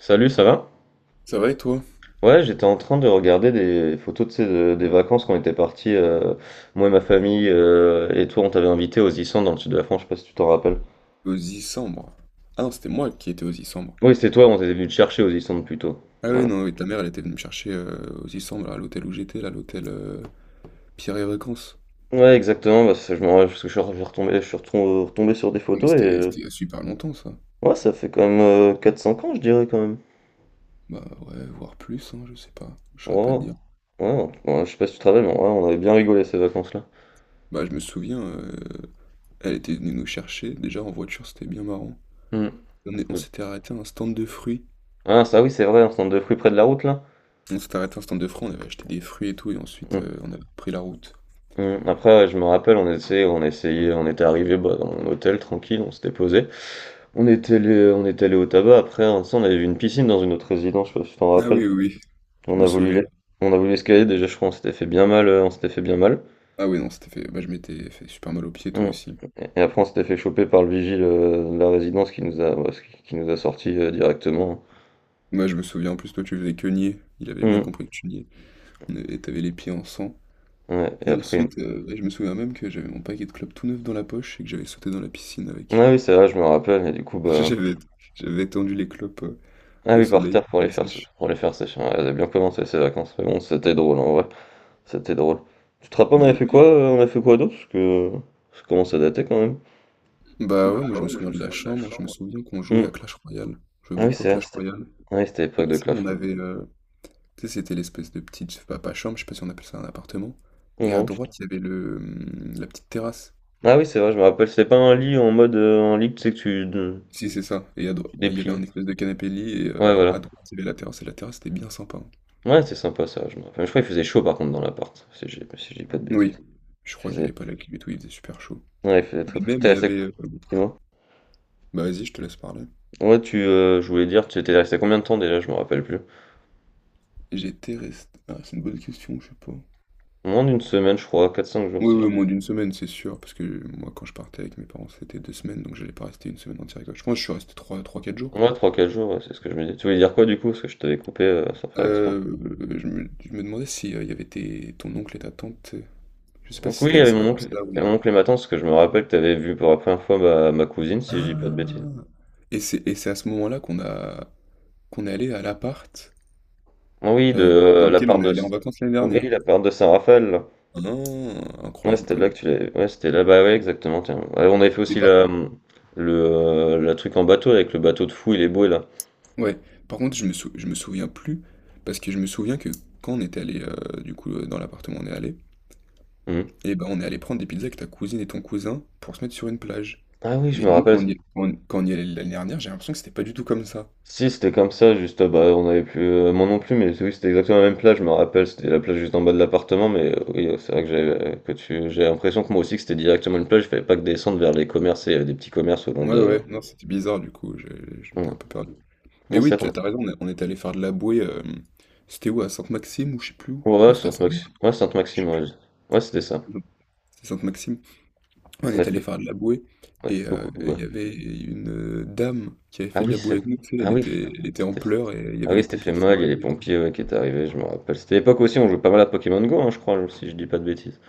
Salut, ça va? Ça va et toi? Ouais, j'étais en train de regarder des photos, des vacances qu'on était partis, moi et ma famille, et toi, on t'avait invité aux Issants dans le sud de la France, je sais pas si tu t'en rappelles. Aux Issambres. Ah non, c'était moi qui étais aux Issambres. Oui, c'était toi, on t'était venu te chercher aux Issants plutôt. Ah oui, Voilà. non, oui, ta mère, elle était venue me chercher aux Issambres, là, à l'hôtel où j'étais, là, l'hôtel Pierre et Vacances. Ouais, exactement, parce que je me rappelle, parce que retombé, je suis retombé sur des Ah, mais photos, et c'était c'était il y a super longtemps, ça. ouais, ça fait quand même 4-5 ans, je dirais, quand même. Bah ouais, voire plus, hein, je sais pas. Je saurais pas te Ouais, dire. ouais, ouais, ouais, je sais pas si tu te rappelles, mais ouais, on avait bien rigolé ces vacances-là. Bah je me souviens, euh, Elle était venue nous chercher, déjà en voiture, c'était bien marrant. Hmm. On s'était arrêté à un stand de fruits. Ah, ça oui, c'est vrai, on centre de fruits près de la route, là. On s'était arrêté à un stand de fruits, on avait acheté des fruits et tout, et ensuite Hmm. euh, on avait repris la route. Mmh. Après, ouais, je me rappelle, on essayait, on était arrivé bah, dans mon hôtel tranquille, on s'était posé. On était allé au tabac. Après, un instant, on avait vu une piscine dans une autre résidence, je sais pas si tu t'en Ah rappelles. oui, oui, oui, On je me a voulu, souviens. l'es- on a voulu escalader. Déjà, je crois, on s'était fait bien mal. Ah oui, non, c'était fait. Bah, je m'étais fait super mal aux pieds, toi Mmh. aussi. Et après, on s'était fait choper par le vigile de la résidence qui nous a, ouais, qui nous a sorti directement. Moi, je me souviens, en plus, toi, tu faisais que nier. Il avait bien Mmh. compris que tu niais. Et t'avais les pieds en sang. Ouais. Et Et après, ensuite, ouais, je me souviens même que j'avais mon paquet de clopes tout neuf dans la poche et que j'avais sauté dans la piscine avec. ah oui, c'est vrai, je me rappelle. Et du coup, bah, J'avais, J'avais tendu les clopes ah au oui, par soleil, terre qu'elles sèchent. pour les faire sécher. Ouais, elles avaient bien commencé ces vacances, mais bon, c'était drôle en vrai. C'était drôle. Tu te rappelles, on avait Mais, fait quoi, on a fait quoi d'autre? Parce que ça commence à dater quand même. Bah ouais, moi, je me souviens de la chambre. Je me souviens qu'on jouait à Mmh. Clash Royale. On jouait Ah oui, beaucoup à c'est vrai, Clash c'était Royale. ah oui, c'était Et l'époque tu de sais, Clash Royale. Tu sais, c'était l'espèce de petite... Je sais pas, pas chambre, je sais pas si on appelle ça un appartement. Et à Non, tu droite, il y avait la petite terrasse. ah oui, c'est vrai, je me rappelle, c'était pas un lit en mode, un lit, tu sais, que tu de Si, c'est ça. Tu Il y avait dépliais. un espèce de canapé-lit et Ouais, à voilà. droite, il y avait la terrasse. Et la terrasse, c'était bien sympa, hein. Ouais, c'était sympa ça, je me rappelle. Je crois qu'il faisait chaud par contre dans l'appart, si j'ai si je dis pas de Oui. bêtises. Je Il crois qu'il n'y faisait avait pas la clim et tout, il faisait super chaud. ouais, il faisait Mais très, très même, tu es resté dis-moi? bah vas-y, je te laisse parler. Ouais, tu, je voulais dire, tu étais resté combien de temps déjà? Je me rappelle plus. J'étais resté... Ah, c'est une bonne question, je sais pas. Moins d'une semaine, je crois, quatre cinq jours Oui, si je oui, dis moins d'une semaine, c'est sûr. Parce que moi, quand je partais avec mes parents, c'était deux semaines, donc j'allais pas rester une semaine entière avec eux. Je pense que je suis resté trois, trois, quatre jours. ouais, 3-4 jours, ouais, c'est ce que je me dis. Tu voulais dire quoi du coup? Parce que je t'avais coupé, sans faire exprès. Euh, je me demandais si il y avait ton oncle et ta tante. Je sais pas Donc si oui, il c'était y à avait ces mon oncle, vacances-là où il y a... et ma tante, parce que je me rappelle que tu avais vu pour la première fois ma cousine, si je dis pas de bêtises. Ah! Et c'est à ce moment-là qu'on a. Qu'on est allé à l'appart, Ah oui, de heu, dans la lequel on part est de... allé en vacances l'année Oui, dernière. la part de Saint-Raphaël, là. Ah! Ouais, Incroyable c'était quand là que même. tu l'avais... Ouais, c'était là, bah ouais, exactement, tiens. Ouais, on avait fait Mais aussi par la, contre le, la truc en bateau, avec le bateau de fou, il est beau, là. ouais, par contre je me souviens plus, parce que je me souviens que quand on était allé, du coup, dans l'appartement où on est allé, Mhm. et ben, on est allé prendre des pizzas avec ta cousine et ton cousin pour se mettre sur une plage. Ah oui, je Mais me nous quand rappelle. on y est quand quand on y est allés l'année dernière, j'ai l'impression que c'était pas du tout comme ça. Si, c'était comme ça, juste, bah, on avait plus, moi non plus, mais oui, c'était exactement la même plage, je me rappelle, c'était la plage juste en bas de l'appartement, mais oui, c'est vrai que j'avais que tu j'ai l'impression que moi aussi que c'était directement une plage, il fallait pas que descendre vers les commerces et il y avait des petits commerces au long Ouais, de ouais, non, c'était bizarre du coup, je j'étais mmh. un peu perdu. Mais Ouais, c'est oui, t'as vrai as raison, on est allés faire de la bouée, hem, c'était où? À Sainte-Maxime ou je sais plus où. qu'on a ouais, Non, ouais, c'était à Sainte-Maxi ouais, Sainte-Maxime, ouais, je- ouais, c'était ça. Sainte-Maxime. On On a est allé fait faire de la bouée on a fait et beaucoup il ouais. y avait une dame qui avait Ah fait de oui, la bouée c'est avec nous, tu sais, ah oui, elle était en c'était pleurs et il y ah avait oui, les c'était fait pompiers qui mal, sont il y a les arrivés et tout. pompiers, ouais, qui étaient arrivés, je me rappelle. C'était l'époque aussi, on jouait pas mal à Pokémon Go, hein, je crois, si je dis pas de bêtises,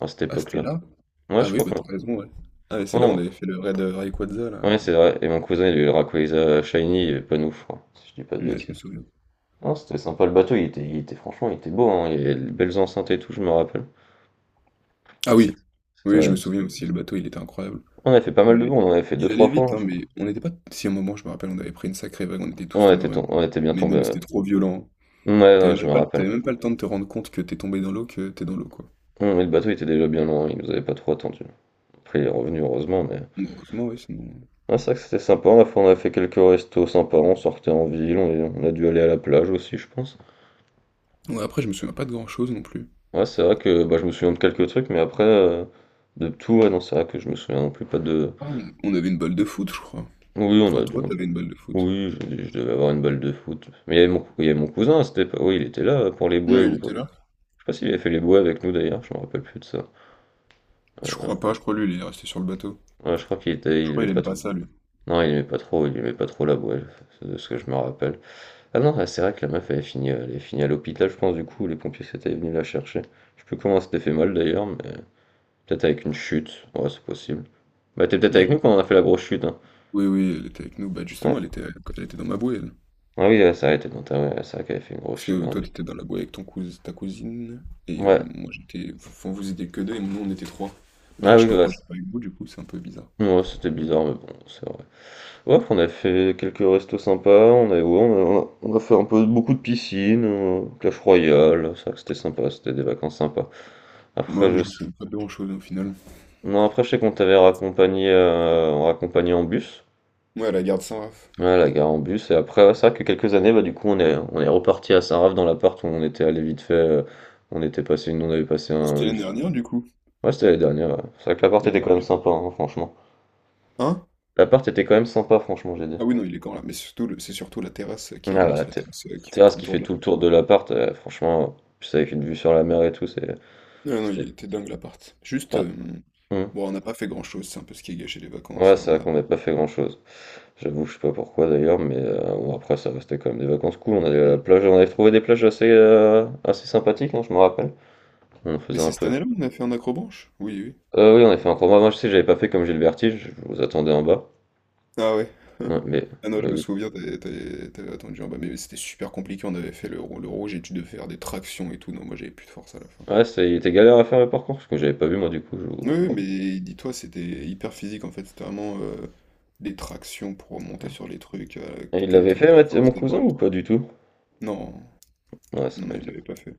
à cette Ah, c'était époque-là. là? Ouais, Ah je oui, crois bah, qu'on t'as raison, ouais. Ah, et c'est là où on ouais, avait fait le raid Rayquaza là, ouais, c'est vrai, et mon cousin, il a eu le Rayquaza shiny, il pas nous, je crois, si je dis pas de ouais, je me bêtises. souviens. Non, c'était sympa le bateau, il était franchement, il était beau, hein, il y avait de belles enceintes et tout, je me rappelle. Ah C'est- oui! Oui, je c'est- me souviens aussi, le bateau, il était incroyable. On a fait pas On mal de avait bons, on en avait fait deux, Ils trois allaient fois, vite, hein, hein, je crois. mais on n'était pas si à un moment, je me rappelle, on avait pris une sacrée vague, on était tous On tombés était, en tom- même temps. on était bien Mais non, tombé. mais Ouais, c'était trop violent, hein. ouais, ouais, je me T'avais rappelle. même pas le temps de te rendre compte que t'es tombé dans l'eau, que t'es dans l'eau, quoi. Non, mais le bateau était déjà bien loin, il nous avait pas trop attendu. Après, il est revenu, heureusement, mais. Heureusement, oui, sinon Ouais, c'est vrai que c'était sympa, on a fait quelques restos sympas, on sortait en ville, on, est- on a dû aller à la plage aussi, je pense. ouais, après, je me souviens pas de grand-chose non plus. Ouais, c'est vrai que bah, je me souviens de quelques trucs, mais après, de tout, ouais, non, c'est vrai que je me souviens non plus pas de Ah, on avait une balle de foot, je crois. oui, on Enfin, a dû toi, t'avais une balle de foot. oui, je devais avoir une balle de foot. Mais il y avait mon il y avait mon cousin c'était cette oui, il était là pour les Oui, bouées il ou je sais était là. pas s'il avait fait les bouées avec nous d'ailleurs, je me rappelle plus de ça. Je crois Heu, pas, je crois lui, il est resté sur le bateau. ouais, je crois qu'il était il Je crois aimait il pas aime pas trop ça, lui. non, il aimait pas trop la bouée, c'est de ce que je me rappelle. Ah non, ah, c'est vrai que la meuf, elle est finie à l'hôpital, je pense, du coup, les pompiers s'étaient venus la chercher. Je sais plus comment elle s'était fait mal d'ailleurs, mais peut-être avec une chute, ouais, c'est possible. Bah, t'es peut-être Moi, avec nous quand j'ai... on a fait la grosse chute, hein. Oui, oui, elle était avec nous. Bah, Ouais. justement, quand elle était dans ma bouée, elle. Ah oui, elle s'est arrêtée dans ta, ouais, ouais, c'est vrai qu'elle avait fait une grosse Parce chute. que toi, t'étais dans la bouée avec ton cous... ta cousine. Et Ouais. moi, j'étais. Enfin, vous étiez que deux et nous, on était trois. Ah D'ailleurs, je oui, sais pas ouais. pourquoi c- j'étais pas avec vous, du coup, c'est un peu bizarre. ouais, c'était bizarre, mais bon, c'est vrai. Ouais, après, on a fait quelques restos sympas, on a, ouais, on a fait un peu beaucoup de piscine, Clash Royale, c'est vrai que c'était sympa, c'était des vacances sympas. Moi Après, mais je je me sais... souviens pas de grand-chose au final. Non, après, je sais qu'on t'avait raccompagné, raccompagné en bus. Ouais, à la garde Saint-Raph. Ouais, la gare en bus. Et après, ouais, c'est vrai que quelques années, bah, du coup, on est reparti à Saint-Raph dans l'appart où on était allé vite fait. On était passé une, on avait passé Ah, un, c'était une... l'année dernière, du coup. Ouais, c'était l'année dernière. Ouais. C'est vrai que l'appart L'année était quand même dernière. sympa, hein, franchement. Hein? L'appart était quand même sympa, franchement, j'ai dit. Ah oui, non, il est quand là. Mais surtout, c'est surtout la terrasse Ah, qui est bah, la immense, la ter- terrasse la qui fait terrasse tout le qui tour fait de tout le tour de l'appartement. l'appart, franchement, puis c'est avec une vue sur la mer et tout, c'est, Non, non, c'était. il était dingue l'appart. Ouais, Hmm. Bon, on n'a pas fait grand-chose, c'est un peu ce qui a gâché les Ouais, vacances. C'est On vrai a... qu'on n'a pas fait grand-chose. J'avoue, je sais pas pourquoi d'ailleurs, mais bon, après, ça restait quand même des vacances cool. On allait à Hmm. la plage, on avait trouvé des plages assez, assez sympathiques, hein, je me rappelle. On Mais faisait c'est un cette peu. année-là qu'on a fait un accrobranche? Oui, oui. Oui, on a fait un combat. Moi, je sais, j'avais pas fait comme j'ai le vertige, je vous attendais en bas. Ah ouais. Ouais, Ah non, je mais me oui. souviens, t'avais attendu en bas, mais oui, c'était super compliqué, on avait fait le rouge et tu devais faire des tractions et tout. Non, moi j'avais plus de force à la fin. Ouais, c'est il était galère à faire le parcours parce que j'avais pas vu moi du coup, je Oui, oui, mais dis-toi, c'était hyper physique en fait, c'était vraiment des tractions pour monter sur les trucs, et il que des l'avait trucs à fait, la ouais, t mon force des cousin bras, et ou tout. pas du tout? Non, Ouais, ça non, il m'étonne. l'avait pas fait.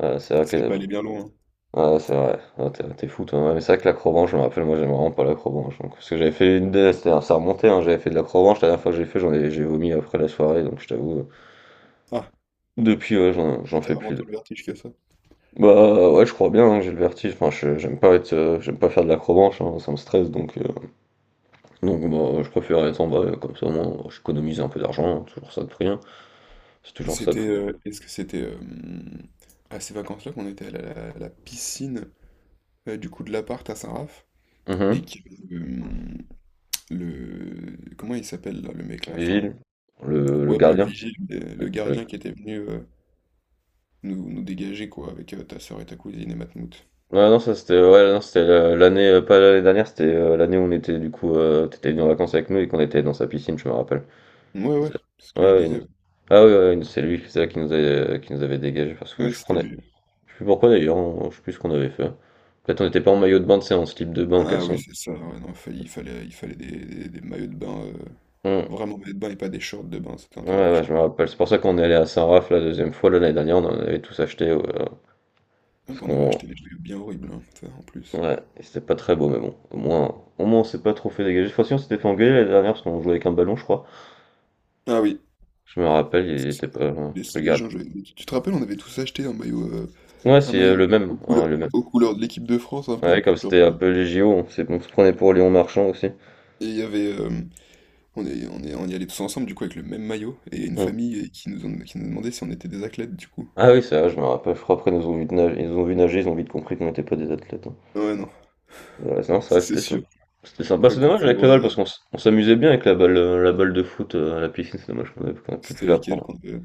Ouais, c'est vrai Il serait que pas allé bien loin, hein. ouais, c'est vrai. Ah, tu es fou toi. Ouais, mais c'est vrai que l'acrobranche, je me rappelle, moi j'aime vraiment pas l'acrobranche donc parce que j'avais fait une des c'était ça remontait, hein, j'avais fait de l'acrobranche, la dernière fois que j'ai fait, j'ai vomi après la soirée donc je t'avoue, Ah, depuis, ouais, ouais, j'en t'as fais vraiment plus tout de le vertige que ça. bah, ouais, je crois bien, hein, j'ai le vertige, enfin je j'aime pas être, j'aime pas faire de l'acrobranche, hein, ça me stresse donc donc bah, je préfère les balles, comme ça au moins j'économise un peu d'argent, toujours ça de prix, hein. C'est Et toujours ça de prix. Est-ce que c'était à ces vacances-là qu'on était à la piscine du coup de l'appart à Saint-Raph Mmh et qu'il y avait comment il s'appelle là, le mec là, enfin, vigile, le ouais pas le gardien. vigile, mais le Le gardien qui était venu nous dégager quoi avec ta soeur et ta cousine et Matmout. ouais non ça c'était ouais non c'était le l'année, pas l'année dernière, c'était, l'année où on était du coup, tu venu en vacances avec nous et qu'on était dans sa piscine, je me rappelle. Ouais ouais, c'est ce Ouais, que je ouais, il disais. nous Ouais, ah oui, ouais, ouais, c'est lui, c'est là qui nous avait qu'il nous avait dégagés parce que ouais, je c'était prenais. lui. Je sais plus pourquoi d'ailleurs, on je sais plus ce qu'on avait fait. Peut-être on n'était pas en maillot de bain, tu sais, en slip de bain, en Ah oui caleçon. c'est ça. Ouais, non, il fallait des maillots de bain, Mmh. vraiment maillots de bain et pas des shorts de bain, c'était Ouais, interdit je ouais, je crois. me rappelle. C'est pour ça qu'on est allé à Saint-Raph la deuxième fois. Là, l'année dernière, on en avait tous acheté. Ah, Parce bah, on avait qu'on. acheté des maillots bien horribles hein, ça, en plus. Ouais, et c'était pas très beau, mais bon. Au moins on s'est pas trop fait dégager. Cette fois-ci, on s'était fait engueuler l'année dernière parce qu'on jouait avec un ballon, je crois. Ah oui. Je me rappelle, il était pas. Laisser Le les garde. gens, je- Mais tu te rappelles, on avait tous acheté un maillot, Ouais, un c'est maillot le même, aux hein, couleurs, le même. aux couleurs de l'équipe de France un peu. Ouais, comme c'était un peu les JO, on se prenait pour Léon Marchand aussi. Et on y allait tous ensemble du coup avec le même maillot et une Hum. famille qui qui nous demandait si on était des athlètes du coup. Ah oui, c'est vrai, je me rappelle. Je crois après, ils nous ont vu nager, ils ont vite compris qu'on n'était pas des athlètes, hein. Ouais non, Ouais, non, ça c'est restait sympa. sûr. C'était sympa. Bah, Faudrait c'est dommage avec confondre, la balle parce euh, on s'amusait bien avec la balle de foot à la piscine, c'est dommage qu'on ait plus pu C'était la avec elle prendre. quand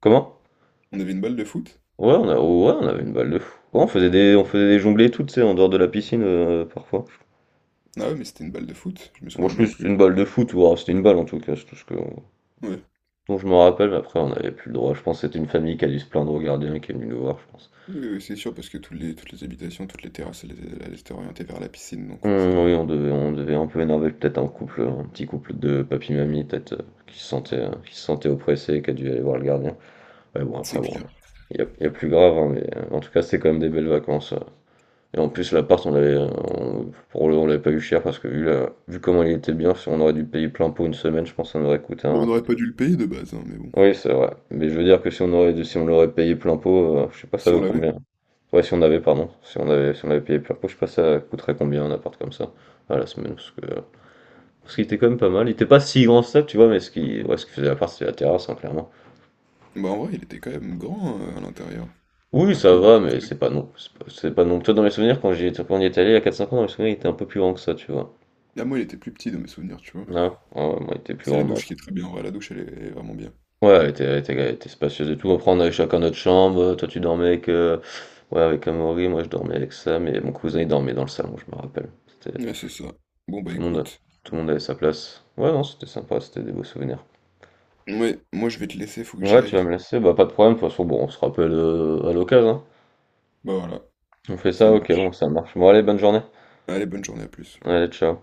Comment? on avait une balle de foot. Ouais, on a, ouais, on avait une balle de foot. Ouais, on faisait des jonglées toutes, tu sais, en dehors de la piscine parfois. Ah ouais, mais c'était une balle de foot, je me Moi, souviens je pense même que c'était plus. une balle de foot, ou alors c'était une balle en tout cas, c'est tout ce que, Ouais. dont je me rappelle. Mais après, on n'avait plus le droit. Je pense que c'était une famille qui a dû se plaindre au gardien qui est venu nous voir, je pense. Oui, oui, c'est sûr parce que toutes toutes les habitations, toutes les terrasses, elles étaient orientées vers la piscine donc Oui, forcément, on devait un peu énerver peut-être un couple, un petit couple de papy-mamie, peut-être, qui se sentait oppressé et qui a dû aller voir le gardien. Ouais, bon, c'est après, bon, clair. Il y a plus grave, hein, mais en tout cas, c'était quand même des belles vacances. Et en plus, l'appart, on l'avait, on l'avait pas eu cher parce que vu comment il était bien, si on aurait dû payer plein pot une semaine, je pense que ça nous aurait coûté Bon, on un. n'aurait pas dû le payer de base, hein, mais bon. Oui, c'est vrai. Mais je veux dire que si on l'aurait payé plein pot, je sais pas, ça Si on vaut l'avait. combien. Ouais, si on avait, pardon, si on avait, si on avait payé plein pot, je sais pas, ça coûterait combien un appart comme ça à la semaine, parce qu'il était quand même pas mal. Il était pas si grand que ça, tu vois, mais ce qui faisait l'appart, c'était la terrasse, hein, clairement. Bah, en vrai, il était quand même grand, à l'intérieur. Oui, ça Après, bon, va, c'est mais sûr. C'est pas non toi dans mes souvenirs quand j'y étais quand on y est allé il y a quatre cinq ans, dans mes souvenirs, il était un peu plus grand que ça, tu vois? Ah, moi, il était plus petit dans mes souvenirs, tu vois? Non? Ouais, ouais, moi, il était plus C'est grand, la bon. douche qui est très bien, en vrai, la douche, elle est vraiment bien. Ouais, elle était spacieuse et tout. Après, on avait chacun notre chambre. Toi, tu dormais avec, ouais, avec Amaury, moi, je dormais avec Sam et mon cousin, il dormait dans le salon, je me rappelle. C'était Ouais, c'est ça. Bon, bah, tout le monde écoute, tout le monde avait sa place. Ouais, non, c'était sympa, c'était des beaux souvenirs. ouais, moi, je vais te laisser, faut que j'y Ouais, tu aille. vas me laisser, bah pas de problème, de toute façon, bon, on se rappelle à l'occasion, hein. Bah, voilà, On fait ça ça, ok, bon, marche. ça marche. Bon, allez, bonne journée. Allez, bonne journée, à plus. Allez, ciao.